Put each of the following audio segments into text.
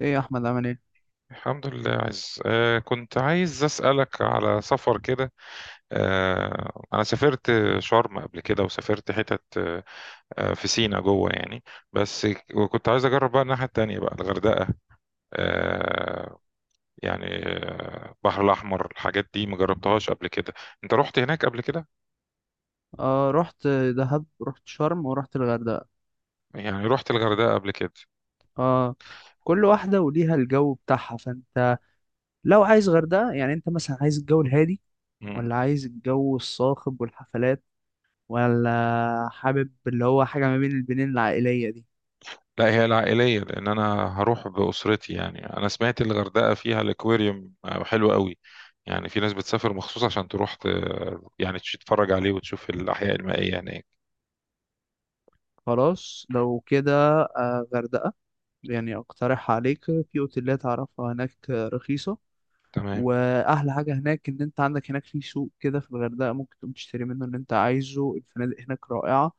ايه يا احمد عامل ايه؟ الحمد لله، عايز آه كنت عايز أسألك على سفر كده. آه أنا سافرت شرم قبل كده وسافرت حتت آه آه، في سينا جوه يعني بس. وكنت عايز أجرب بقى الناحية التانية بقى الغردقة. آه يعني آه، البحر الأحمر الحاجات دي مجربتهاش قبل كده. أنت رحت هناك قبل كده؟ اه رحت دهب، رحت شرم ورحت الغردقه. يعني رحت الغردقة قبل كده. اه كل واحده وليها الجو بتاعها. فانت لو عايز غردقه، يعني انت مثلا عايز الجو الهادي ولا عايز الجو الصاخب والحفلات، ولا حابب اللي هو حاجه ما بين البنين العائليه دي؟ لا هي العائلية لأن أنا هروح بأسرتي، يعني أنا سمعت الغردقة فيها الأكواريوم حلو قوي. يعني في ناس بتسافر مخصوص عشان تروح يعني تتفرج عليه وتشوف الأحياء المائية هناك. خلاص لو كده غردقه. يعني اقترح عليك في اوتيلات اعرفها هناك رخيصه. تمام. واحلى حاجه هناك ان انت عندك هناك في سوق كده في الغردقه، ممكن تقوم تشتري منه اللي انت عايزه. الفنادق هناك رائعه،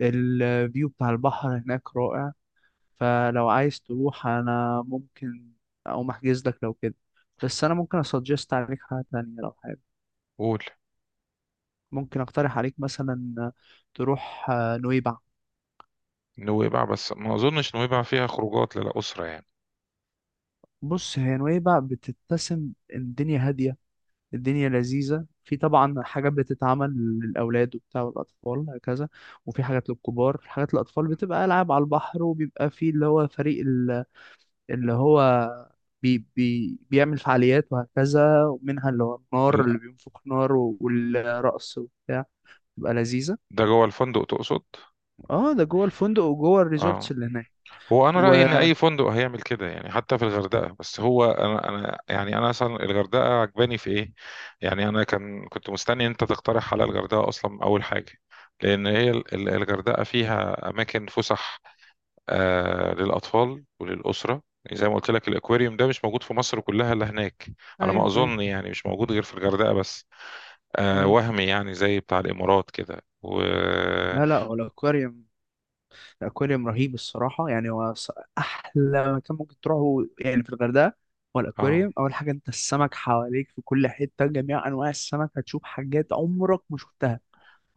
الفيو بتاع البحر هناك رائع. فلو عايز تروح انا ممكن اقوم احجز لك لو كده. بس انا ممكن اسجست عليك حاجه تانية لو حابب. قول. ممكن اقترح عليك مثلا تروح نويبع. نويبع؟ بس ما أظنش نويبع فيها خروجات للأسرة يعني. بص هي نويبع بتتسم، الدنيا هاديه، الدنيا لذيذة. في طبعا حاجات بتتعمل للأولاد وبتاع والأطفال وهكذا، وفي حاجات للكبار، حاجات للأطفال بتبقى ألعاب على البحر، وبيبقى في اللي هو فريق ال- اللي هو بي بي بيعمل فعاليات وهكذا، ومنها اللي هو النار لا، اللي بينفخ نار والرقص وبتاع. تبقى لذيذة. ده جوه الفندق تقصد؟ اه ده جوه الفندق وجوه الريزورتس اه. اللي هناك. هو انا و رايي ان اي فندق هيعمل كده يعني حتى في الغردقه، بس هو انا يعني انا اصلا الغردقه عجباني في ايه. يعني انا كنت مستني إن انت تقترح على الغردقه اصلا اول حاجه، لان هي الغردقه فيها اماكن فسح آه للاطفال وللاسره، يعني زي ما قلت لك الاكواريوم ده مش موجود في مصر كلها الا هناك، على ما أيوه أيوه اظن. يعني مش موجود غير في الغردقه بس. آه أيوه. وهمي يعني زي بتاع الامارات كده و لا، هو الأكواريوم، الأكواريوم رهيب الصراحة. يعني أحلى مكان ممكن تروحه يعني في الغردقة هو اه. الأكواريوم. أول حاجة أنت السمك حواليك في كل حتة، جميع أنواع السمك، هتشوف حاجات عمرك ما شفتها،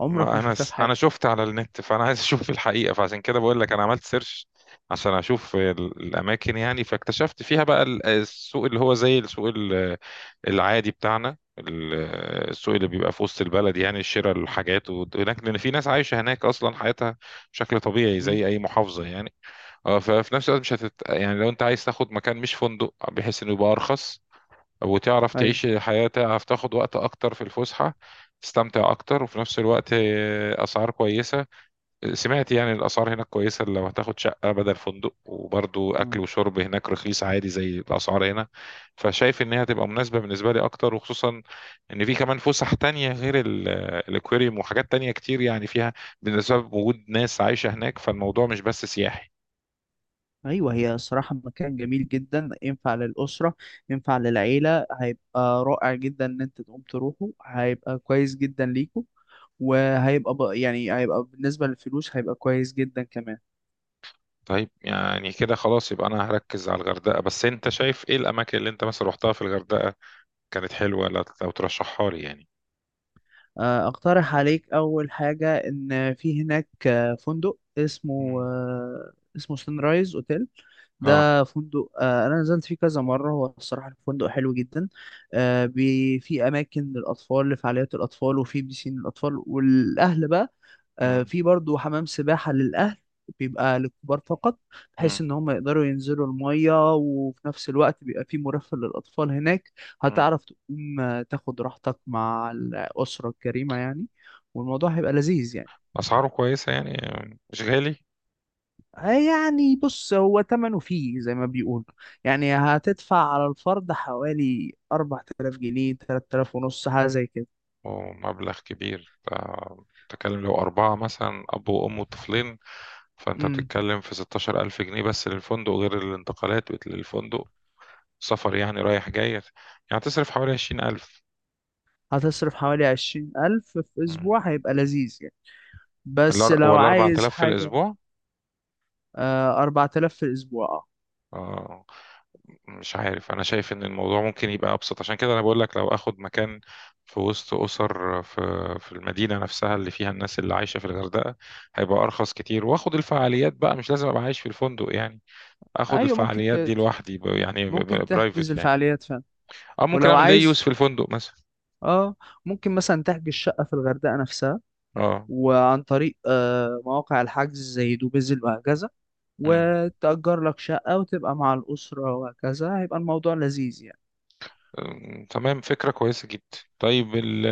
عمرك ما ما انا شفتها في س... انا حياتك. شفت على النت، فانا عايز اشوف الحقيقه، فعشان كده بقول لك انا عملت سيرش عشان اشوف الاماكن، يعني فاكتشفت فيها بقى السوق اللي هو زي السوق العادي بتاعنا السوق اللي بيبقى في وسط البلد، يعني شراء الحاجات. وهناك لان في ناس عايشه هناك اصلا حياتها بشكل طبيعي مم. زي اي محافظه يعني. اه ففي نفس الوقت مش هتت... يعني لو انت عايز تاخد مكان مش فندق بحيث انه يبقى ارخص وتعرف أيوه. تعيش الحياة، تعرف تاخد وقت أكتر في الفسحة تستمتع أكتر، وفي نفس الوقت آه، أسعار كويسة. سمعت يعني الأسعار هناك كويسة لو هتاخد شقة بدل فندق، وبرضو أكل مم. وشرب هناك رخيص عادي زي الأسعار هنا. فشايف إن هي هتبقى مناسبة بالنسبة لي أكتر، وخصوصا إن في كمان فسح تانية غير الأكواريوم وحاجات تانية كتير يعني فيها، بالنسبة وجود ناس عايشة هناك، فالموضوع مش بس سياحي. أيوه هي الصراحة مكان جميل جدا، ينفع للأسرة ينفع للعيلة. هيبقى رائع جدا إن أنت تقوم تروحه، هيبقى كويس جدا ليكم. وهيبقى ب- يعني هيبقى بالنسبة للفلوس هيبقى كويس جدا كمان. طيب يعني كده خلاص يبقى أنا هركز على الغردقة، بس أنت شايف إيه الأماكن اللي أنت مثلا روحتها في الغردقة كانت حلوة لو ترشحها لي يعني. اقترح عليك اول حاجة ان في هناك فندق مم. اسمه سان رايز اوتيل. اه. ده فندق، انا نزلت فيه كذا مرة. هو الصراحة الفندق حلو جدا. في اماكن للاطفال لفعاليات الاطفال، وفي بيسين للاطفال والاهل بقى. مم. في برضو حمام سباحة للأهل بيبقى للكبار فقط، بحيث مم. ان هم يقدروا ينزلوا المية، وفي نفس الوقت بيبقى في مرافق للأطفال هناك. مم. هتعرف تقوم تاخد راحتك مع الأسرة الكريمة يعني، والموضوع هيبقى لذيذ يعني. أسعاره كويسة يعني؟ مش غالي؟ يعني بص هو تمنه فيه زي ما بيقولوا. يعني هتدفع على الفرد حوالي 4000 جنيه، 3000 ونص، حاجة زي كده. ومبلغ كبير آه، بتتكلم لو أربعة مثلا أب وأم وطفلين فأنت امم بتتكلم في 16000 جنيه بس للفندق، غير الانتقالات للفندق، سفر يعني رايح جاي. يعني تصرف حوالي 20000. هتصرف حوالي 20,000 في مم. أسبوع، هيبقى لذيذ يعني. بس لو ولا عايز 4000 في حاجة، الأسبوع؟ آه 4,000 في الأسبوع. آه. مش عارف، انا شايف ان الموضوع ممكن يبقى ابسط، عشان كده انا بقول لك لو اخد مكان في وسط اسر في في المدينه نفسها اللي فيها الناس اللي عايشه في الغردقه، هيبقى ارخص كتير، واخد الفعاليات بقى مش لازم ابقى عايش في الفندق يعني. اه اخد أيوة الفعاليات دي لوحدي ب- يعني ممكن تحجز برايفت يعني، الفعاليات فعلا. او ممكن ولو اعمل دي يوز عايز، في الفندق مثلا. اه ممكن مثلا تحجز شقة في الغردقة نفسها، اه. وعن طريق مواقع الحجز زي دوبيزل وهكذا، وتأجر لك شقة وتبقى مع الأسرة وهكذا، هيبقى الموضوع لذيذ يعني. أم، تمام فكرة كويسة جدا. طيب ال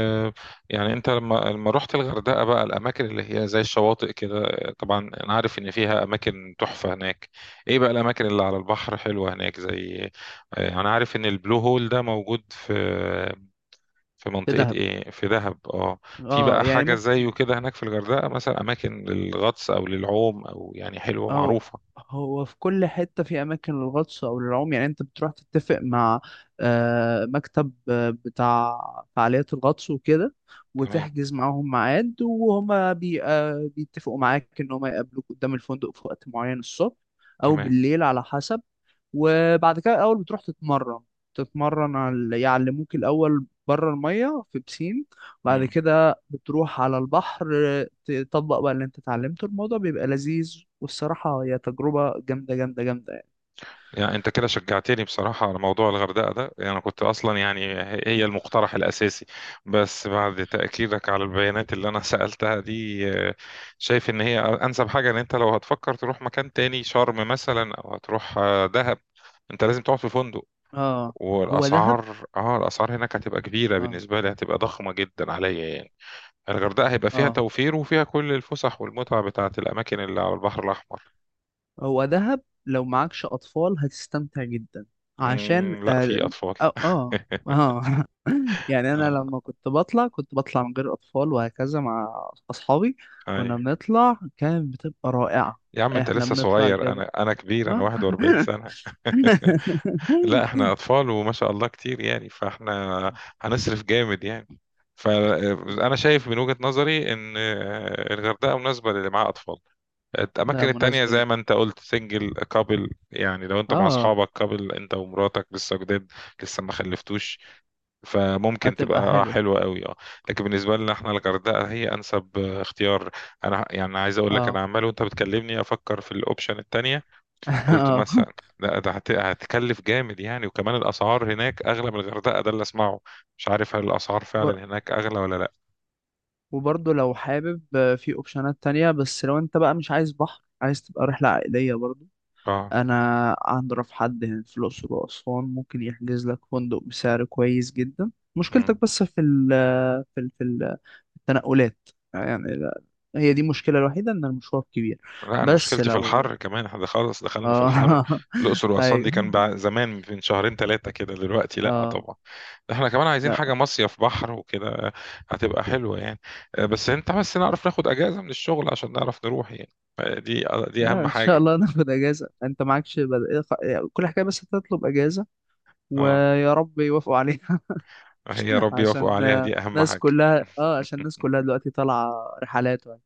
يعني انت لما رحت الغردقة بقى، الأماكن اللي هي زي الشواطئ كده، طبعا أنا عارف إن فيها أماكن تحفة هناك، إيه بقى الأماكن اللي على البحر حلوة هناك؟ زي آه، أنا عارف إن البلو هول ده موجود في في في منطقة دهب، إيه، في دهب أه. في اه بقى يعني حاجة ممكن. زيه كده هناك في الغردقة مثلا، أماكن للغطس أو للعوم أو يعني حلوة أو معروفة؟ هو في كل حتة في أماكن للغطس أو للعوم. يعني أنت بتروح تتفق مع مكتب بتاع فعاليات الغطس وكده، تمام. وتحجز معاهم ميعاد، وهما بي آه، بيتفقوا معاك إن هما يقابلوك قدام الفندق في وقت معين الصبح أو تمام. بالليل على حسب. وبعد كده الاول بتروح تتمرن، يعلموك الاول بره الميه في بسين. بعد كده بتروح على البحر، تطبق بقى اللي انت اتعلمته. الموضوع بيبقى لذيذ، والصراحه هي تجربه جامده جامده جامده يعني. يعني انت كده شجعتني بصراحة على موضوع الغردقة ده، يعني انا كنت اصلا يعني هي مم. المقترح الاساسي، بس بعد تأكيدك على البيانات اللي انا سألتها دي آه، شايف ان هي انسب حاجة. ان انت لو هتفكر تروح مكان تاني شرم مثلا او هتروح آه، دهب، انت لازم تقعد في فندق، اه هو دهب. والاسعار اه الاسعار هناك هتبقى كبيرة اه. بالنسبة لي، هتبقى ضخمة جدا عليا يعني. الغردقة هيبقى فيها اه توفير وفيها كل الفسح والمتعة بتاعت الأماكن اللي على البحر الأحمر. هو دهب لو معكش أطفال هتستمتع جدا، عشان مم، لا في أطفال. آه آه, آه. يعني أنا آه، لما كنت بطلع كنت بطلع من غير أطفال وهكذا مع أصحابي، كنا أيوة. بنطلع كانت بتبقى رائعة. يا عم انت إحنا لسه بنطلع صغير، الجبل. انا كبير، انا 41 آه. سنة. لا احنا اطفال وما شاء الله كتير، يعني فاحنا هنصرف جامد يعني. فانا شايف من وجهة نظري ان آه، الغردقة مناسبة للي معاه اطفال. ده الاماكن التانية مناسبة زي جدا. ما انت قلت سنجل كابل، يعني لو انت مع آه اصحابك كابل انت ومراتك لسه جداد لسه ما خلفتوش، فممكن هتبقى تبقى حلو. حلوة قوي اه. لكن بالنسبة لنا احنا، الغردقة هي انسب آه، اختيار. انا يعني عايز اقول لك انا آه عمال وانت بتكلمني افكر في الاوبشن التانية، قلت آه مثلا لا ده هتكلف جامد يعني، وكمان الاسعار هناك اغلى من الغردقة ده اللي اسمعه. مش عارف هل الاسعار وبر- فعلا هناك اغلى ولا لا. وبرضه لو حابب، في أوبشنات تانية. بس لو أنت بقى مش عايز بحر، عايز تبقى رحلة عائلية برضه، اه. انا اعرف حد هنا في الاقصر واسوان ممكن يحجز لك فندق بسعر كويس جدا. مشكلتك بس في في ال في ال- التنقلات يعني. هي دي المشكله الوحيده، ان المشوار كبير. لا انا بس مشكلتي في لو الحر كمان، احنا خلاص دخلنا في الحر. اه الاقصر واسوان دي كان ايوه. زمان من شهرين ثلاثه كده، دلوقتي لا اه طبعا. احنا كمان عايزين حاجه لا مصيف بحر وكده هتبقى حلوه يعني. آه، بس انت بس نعرف ناخد اجازه من الشغل عشان نعرف نروح يعني. آه، دي لا اهم ان شاء حاجه. الله ناخد اجازه. انت كل حكايه بس تطلب اجازه، اه ويا رب يوافقوا عليها. هي يا رب يوفق عشان عليها، دي اهم الناس حاجه. كلها، اه عشان الناس كلها دلوقتي طالعة رحلات وهكذا.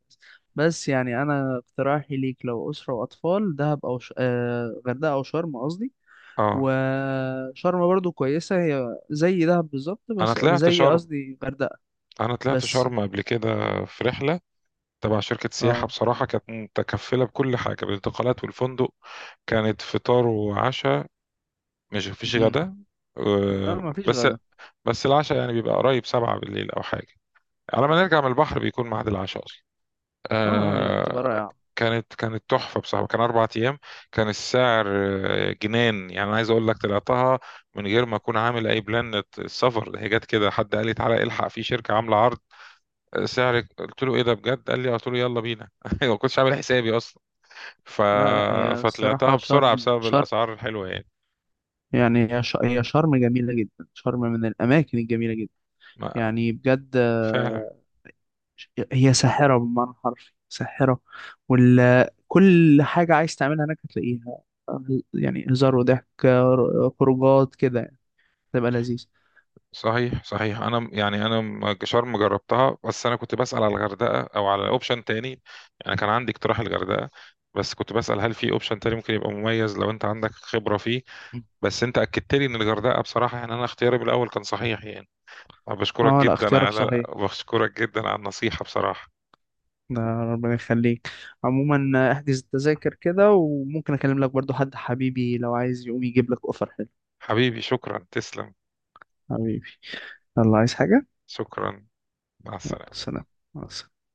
بس يعني انا اقتراحي ليك لو اسرة واطفال، دهب او ش... آه غردقة او شرم قصدي اه. وشرم برضو كويسة، هي زي دهب بالظبط، انا بس طلعت زي شرم. قصدي غردقة. انا طلعت بس شرم قبل كده في رحله تبع شركة سياحة، اه. بصراحة كانت متكفلة بكل حاجة، بالانتقالات والفندق، كانت فطار وعشاء، مش مفيش م-م. غدا لا آه، ما فيش بس. غدا. بس العشاء يعني بيبقى قريب سبعة بالليل أو حاجة، على ما نرجع من البحر بيكون ميعاد العشاء أصلا اه لا بتبقى آه، رائعة. كانت تحفة بصراحة. كان أربع أيام. كان السعر آه، جنان يعني. أنا عايز أقول لك طلعتها من غير ما أكون عامل أي بلان السفر، هي جت كده، حد قال لي تعالى الحق في شركة عاملة عرض آه، سعرك. قلت له إيه ده بجد؟ قال لي آه. قلت له يلا بينا. ما كنتش عامل حسابي ف... لا، هي فطلعتها الصراحة بسرعة شرم بسبب شرم. الأسعار الحلوة يعني. يعني هي شرم جميلة جدا، شرم من الأماكن الجميلة جدا ما... يعني بجد. فعلا. هي ساحرة بمعنى حرفي، ساحرة. وال كل حاجة عايز تعملها هناك هتلاقيها، يعني هزار وضحك، خروجات كده يعني، تبقى لذيذ. صحيح صحيح. أنا يعني أنا شرم جربتها، بس أنا كنت بسأل على الغردقة أو على أوبشن تاني، يعني كان عندي اقتراح الغردقة، بس كنت بسأل هل في أوبشن تاني ممكن يبقى مميز لو أنت عندك خبرة فيه. بس أنت أكدت لي إن الغردقة، بصراحة يعني أنا اختياري بالأول كان صحيح يعني. أنا اه لا اختيارك صحيح، بشكرك جدا على النصيحة بصراحة. ده ربنا يخليك. عموما احجز التذاكر كده، وممكن اكلم لك برضو حد حبيبي لو عايز يقوم يجيب لك اوفر حلو. حبيبي شكرا تسلم. حبيبي، الله عايز حاجة؟ شكرا. مع يلا، السلامة. سلام. مع السلامة.